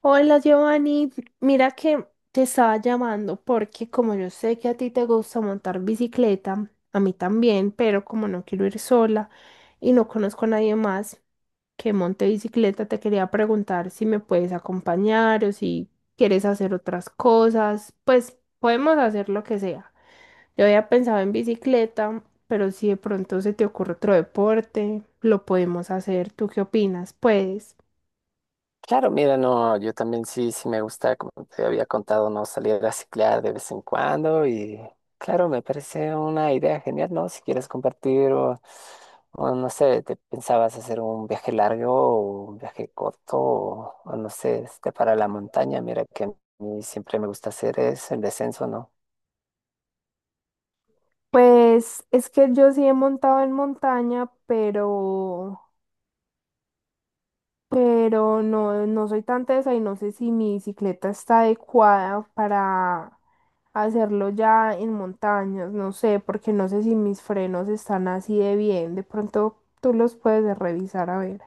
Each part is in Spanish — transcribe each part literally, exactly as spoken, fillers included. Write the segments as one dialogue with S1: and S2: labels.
S1: Hola Giovanni, mira que te estaba llamando porque como yo sé que a ti te gusta montar bicicleta, a mí también, pero como no quiero ir sola y no conozco a nadie más que monte bicicleta, te quería preguntar si me puedes acompañar o si quieres hacer otras cosas, pues podemos hacer lo que sea. Yo había pensado en bicicleta, pero si de pronto se te ocurre otro deporte, lo podemos hacer. ¿Tú qué opinas? Puedes.
S2: Claro, mira, no, yo también sí, sí me gusta, como te había contado, no salir a ciclar de vez en cuando y claro, me parece una idea genial, ¿no? Si quieres compartir o, o no sé, te pensabas hacer un viaje largo o un viaje corto o, o no sé, este, para la montaña, mira que a mí siempre me gusta hacer es el descenso, ¿no?
S1: Pues es que yo sí he montado en montaña, pero, pero no, no soy tan tesa y no sé si mi bicicleta está adecuada para hacerlo ya en montañas, no sé, porque no sé si mis frenos están así de bien. De pronto tú los puedes revisar a ver.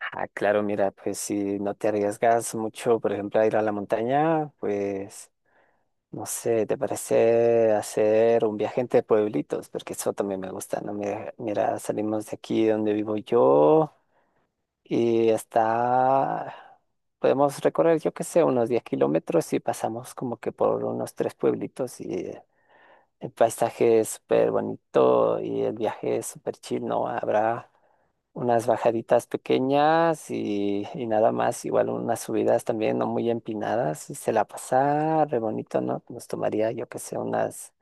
S2: Ah, claro, mira, pues si no te arriesgas mucho, por ejemplo, a ir a la montaña, pues no sé, ¿te parece hacer un viaje entre pueblitos? Porque eso también me gusta, ¿no? Mira, mira, salimos de aquí donde vivo yo y hasta podemos recorrer, yo qué sé, unos diez kilómetros y pasamos como que por unos tres pueblitos y el paisaje es súper bonito y el viaje es súper chill, ¿no? Habrá unas bajaditas pequeñas y, y nada más, igual unas subidas también no muy empinadas y se la pasaba re bonito, ¿no? Nos tomaría, yo que sé, unas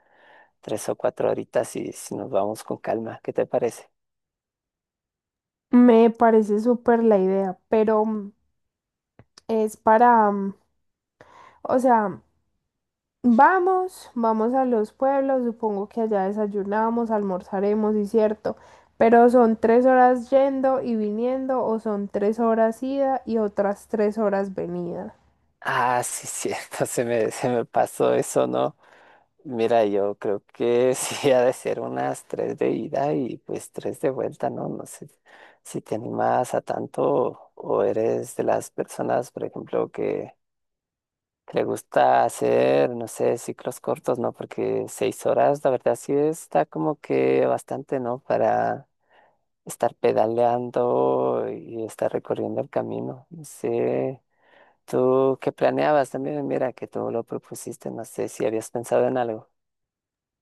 S2: tres o cuatro horitas y si nos vamos con calma, ¿qué te parece?
S1: Me parece súper la idea, pero mm, es para, mm, o sea, vamos, vamos a los pueblos, supongo que allá desayunamos, almorzaremos, y cierto, pero son tres horas yendo y viniendo o son tres horas ida y otras tres horas venida.
S2: Ah, sí, cierto, se me, se me pasó eso, ¿no? Mira, yo creo que sí ha de ser unas tres de ida y pues tres de vuelta, ¿no? No sé si te animas a tanto o o eres de las personas, por ejemplo, que que le gusta hacer, no sé, ciclos cortos, ¿no? Porque seis horas, la verdad, sí está como que bastante, ¿no? Para estar pedaleando y estar recorriendo el camino. No sé, ¿tú qué planeabas también? Mira, que tú lo propusiste, no sé si habías pensado en algo.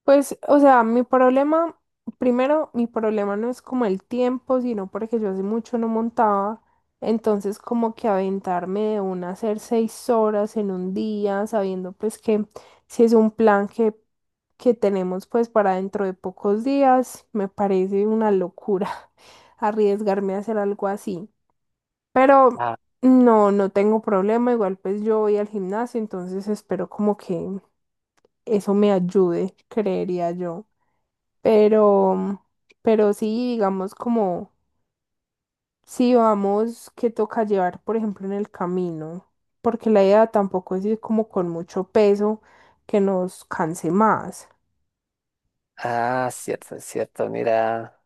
S1: Pues, o sea, mi problema, primero, mi problema no es como el tiempo, sino porque yo hace mucho no montaba, entonces como que aventarme de una a hacer seis horas en un día, sabiendo pues que si es un plan que, que tenemos pues para dentro de pocos días, me parece una locura arriesgarme a hacer algo así. Pero
S2: Ah,
S1: no, no tengo problema, igual pues yo voy al gimnasio, entonces espero como que eso me ayude, creería yo. Pero, pero sí, digamos como, si vamos, que toca llevar, por ejemplo, en el camino, porque la idea tampoco es ir como con mucho peso que nos canse más.
S2: ah, cierto, cierto, mira.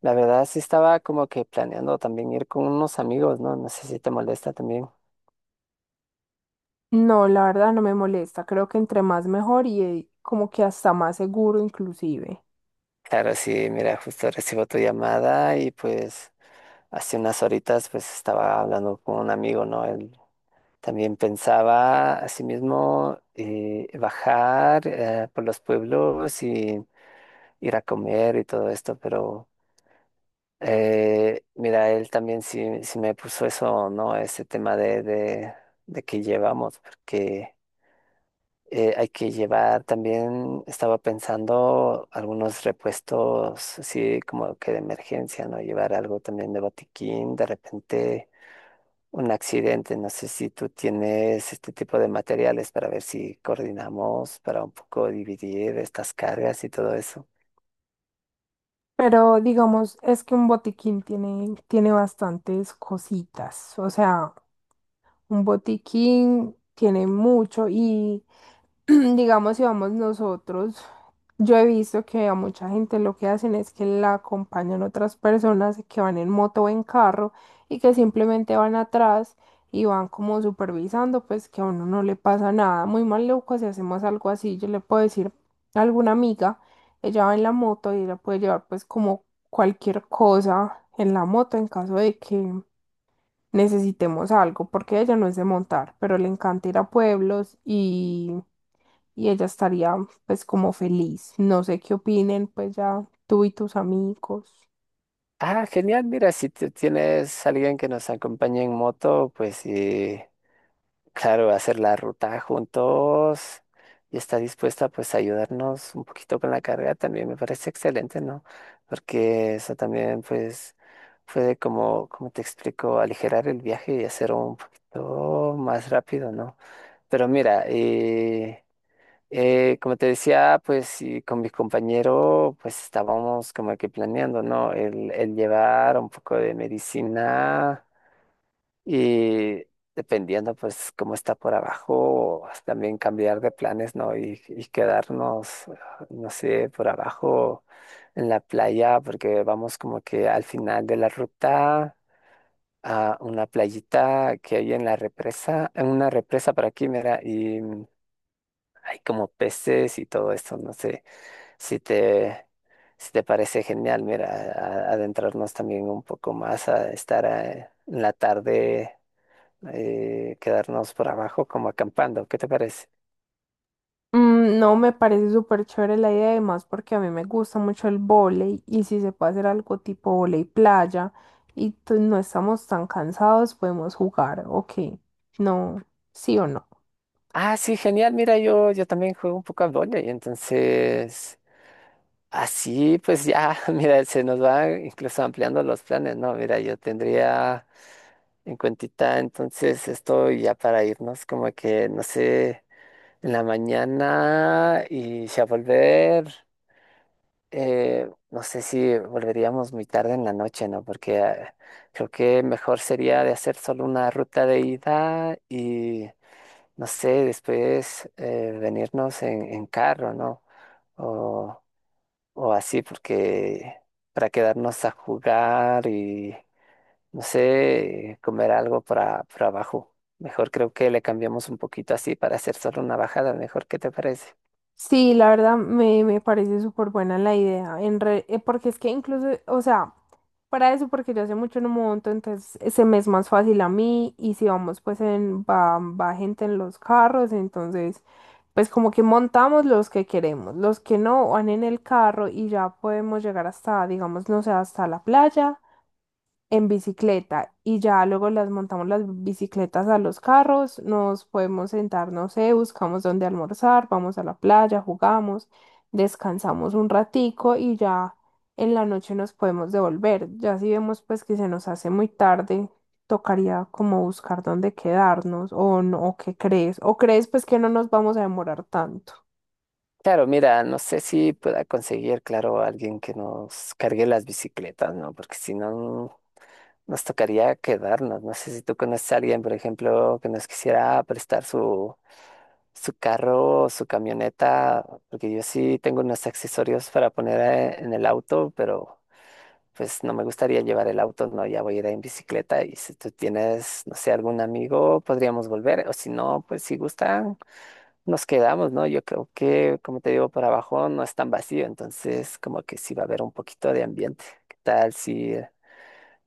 S2: La verdad sí estaba como que planeando también ir con unos amigos, ¿no? No sé si te molesta también.
S1: No, la verdad no me molesta, creo que entre más mejor y eh, como que hasta más seguro inclusive.
S2: Claro, sí, mira, justo recibo tu llamada y pues hace unas horitas pues estaba hablando con un amigo, ¿no? Él también pensaba asimismo eh, bajar eh, por los pueblos y ir a comer y todo esto, pero eh, mira, él también sí, sí me puso eso, ¿no? Ese tema de, de, de que llevamos, porque eh, hay que llevar también, estaba pensando algunos repuestos, así como que de emergencia, ¿no? Llevar algo también de botiquín, de repente un accidente. No sé si tú tienes este tipo de materiales para ver si coordinamos para un poco dividir estas cargas y todo eso.
S1: Pero digamos, es que un botiquín tiene, tiene bastantes cositas, o sea, un botiquín tiene mucho y... digamos, si vamos nosotros, yo he visto que a mucha gente lo que hacen es que la acompañan otras personas que van en moto o en carro y que simplemente van atrás y van como supervisando, pues que a uno no le pasa nada. Muy maluco si hacemos algo así, yo le puedo decir a alguna amiga, ella va en la moto y ella puede llevar pues como cualquier cosa en la moto en caso de que necesitemos algo, porque ella no es de montar, pero le encanta ir a pueblos y y ella estaría pues como feliz. No sé qué opinen, pues ya tú y tus amigos.
S2: Ah, genial. Mira, si tú tienes alguien que nos acompañe en moto, pues sí, claro, hacer la ruta juntos y está dispuesta pues a ayudarnos un poquito con la carga también me parece excelente, ¿no? Porque eso también pues puede como, como te explico, aligerar el viaje y hacer un poquito más rápido, ¿no? Pero mira, eh, eh, como te decía, pues sí, con mi compañero, pues estábamos como que planeando, ¿no? El, el llevar un poco de medicina y dependiendo, pues, cómo está por abajo, también cambiar de planes, ¿no? Y, y quedarnos, no sé, por abajo en la playa, porque vamos como que al final de la ruta a una playita que hay en la represa, en una represa por aquí, mira, y hay como peces y todo esto, no sé si te, si te parece genial, mira, a- a- adentrarnos también un poco más a estar eh, en la tarde, eh, quedarnos por abajo como acampando, ¿qué te parece?
S1: Mm, no me parece súper chévere la idea, además porque a mí me gusta mucho el vóley y si se puede hacer algo tipo vóley playa y t- no estamos tan cansados, podemos jugar. Ok, no, sí o no.
S2: Ah, sí, genial, mira, yo, yo también juego un poco a y entonces así pues ya, mira, se nos va incluso ampliando los planes, ¿no? Mira, yo tendría en cuentita entonces esto ya para irnos como que, no sé. En la mañana y si a volver, eh, no sé si volveríamos muy tarde en la noche, ¿no? Porque eh, creo que mejor sería de hacer solo una ruta de ida y, no sé, después eh, venirnos en, en carro, ¿no? O, o así, porque para quedarnos a jugar y, no sé, comer algo para, para abajo. Mejor creo que le cambiamos un poquito así para hacer solo una bajada, mejor, ¿qué te parece?
S1: Sí, la verdad me, me parece súper buena la idea, en re- eh, porque es que incluso, o sea, para eso, porque yo hace mucho no monto, entonces eh, se me es más fácil a mí y si vamos pues en, va, va gente en los carros, entonces pues como que montamos los que queremos, los que no van en el carro y ya podemos llegar hasta, digamos, no sé, hasta la playa en bicicleta y ya luego las montamos las bicicletas a los carros, nos podemos sentar, no sé, buscamos dónde almorzar, vamos a la playa, jugamos, descansamos un ratico y ya en la noche nos podemos devolver. Ya si vemos pues que se nos hace muy tarde, tocaría como buscar dónde quedarnos o no, o qué crees, o crees pues que no nos vamos a demorar tanto.
S2: Claro, mira, no sé si pueda conseguir, claro, alguien que nos cargue las bicicletas, ¿no? Porque si no, nos tocaría quedarnos. No sé si tú conoces a alguien, por ejemplo, que nos quisiera prestar su, su carro o su camioneta, porque yo sí tengo unos accesorios para poner eh, en el auto, pero pues no me gustaría llevar el auto, no, ya voy a ir en bicicleta y si tú tienes, no sé, algún amigo, podríamos volver, o si no, pues si gustan nos quedamos, ¿no? Yo creo que, como te digo, por abajo no es tan vacío, entonces como que sí va a haber un poquito de ambiente. ¿Qué tal si,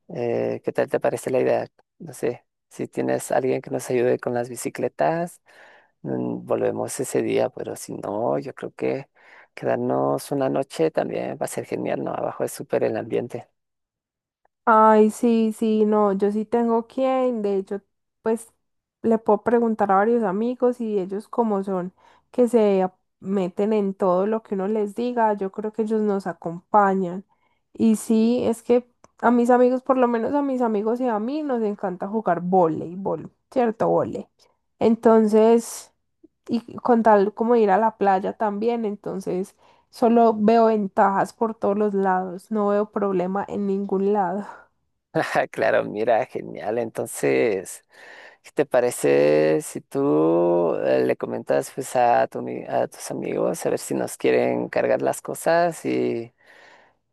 S2: eh, qué tal te parece la idea? No sé, si tienes alguien que nos ayude con las bicicletas, mm, volvemos ese día, pero si no, yo creo que quedarnos una noche también va a ser genial, ¿no? Abajo es súper el ambiente.
S1: Ay, sí, sí, no, yo sí tengo quien, de hecho, pues le puedo preguntar a varios amigos y ellos como son, que se ap- meten en todo lo que uno les diga, yo creo que ellos nos acompañan. Y sí, es que a mis amigos, por lo menos a mis amigos y a mí, nos encanta jugar voleibol, ¿cierto? Vole. Entonces, y con tal como ir a la playa también, entonces solo veo ventajas por todos los lados, no veo problema en ningún lado.
S2: Claro, mira, genial. Entonces, ¿qué te parece si tú eh, le comentas pues a tu ami- a tus amigos a ver si nos quieren cargar las cosas y,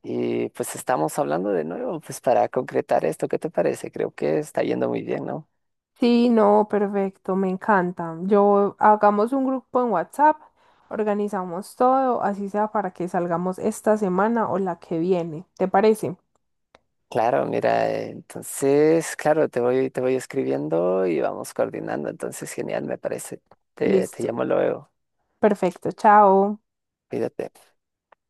S2: y pues estamos hablando de nuevo pues para concretar esto? ¿Qué te parece? Creo que está yendo muy bien, ¿no?
S1: Sí, no, perfecto, me encanta. Yo hagamos un grupo en WhatsApp, organizamos todo, así sea para que salgamos esta semana o la que viene. ¿Te parece?
S2: Claro, mira, eh, entonces, claro, te voy, te voy escribiendo y vamos coordinando, entonces genial, me parece. Te, te
S1: Listo.
S2: llamo luego,
S1: Perfecto, chao.
S2: cuídate.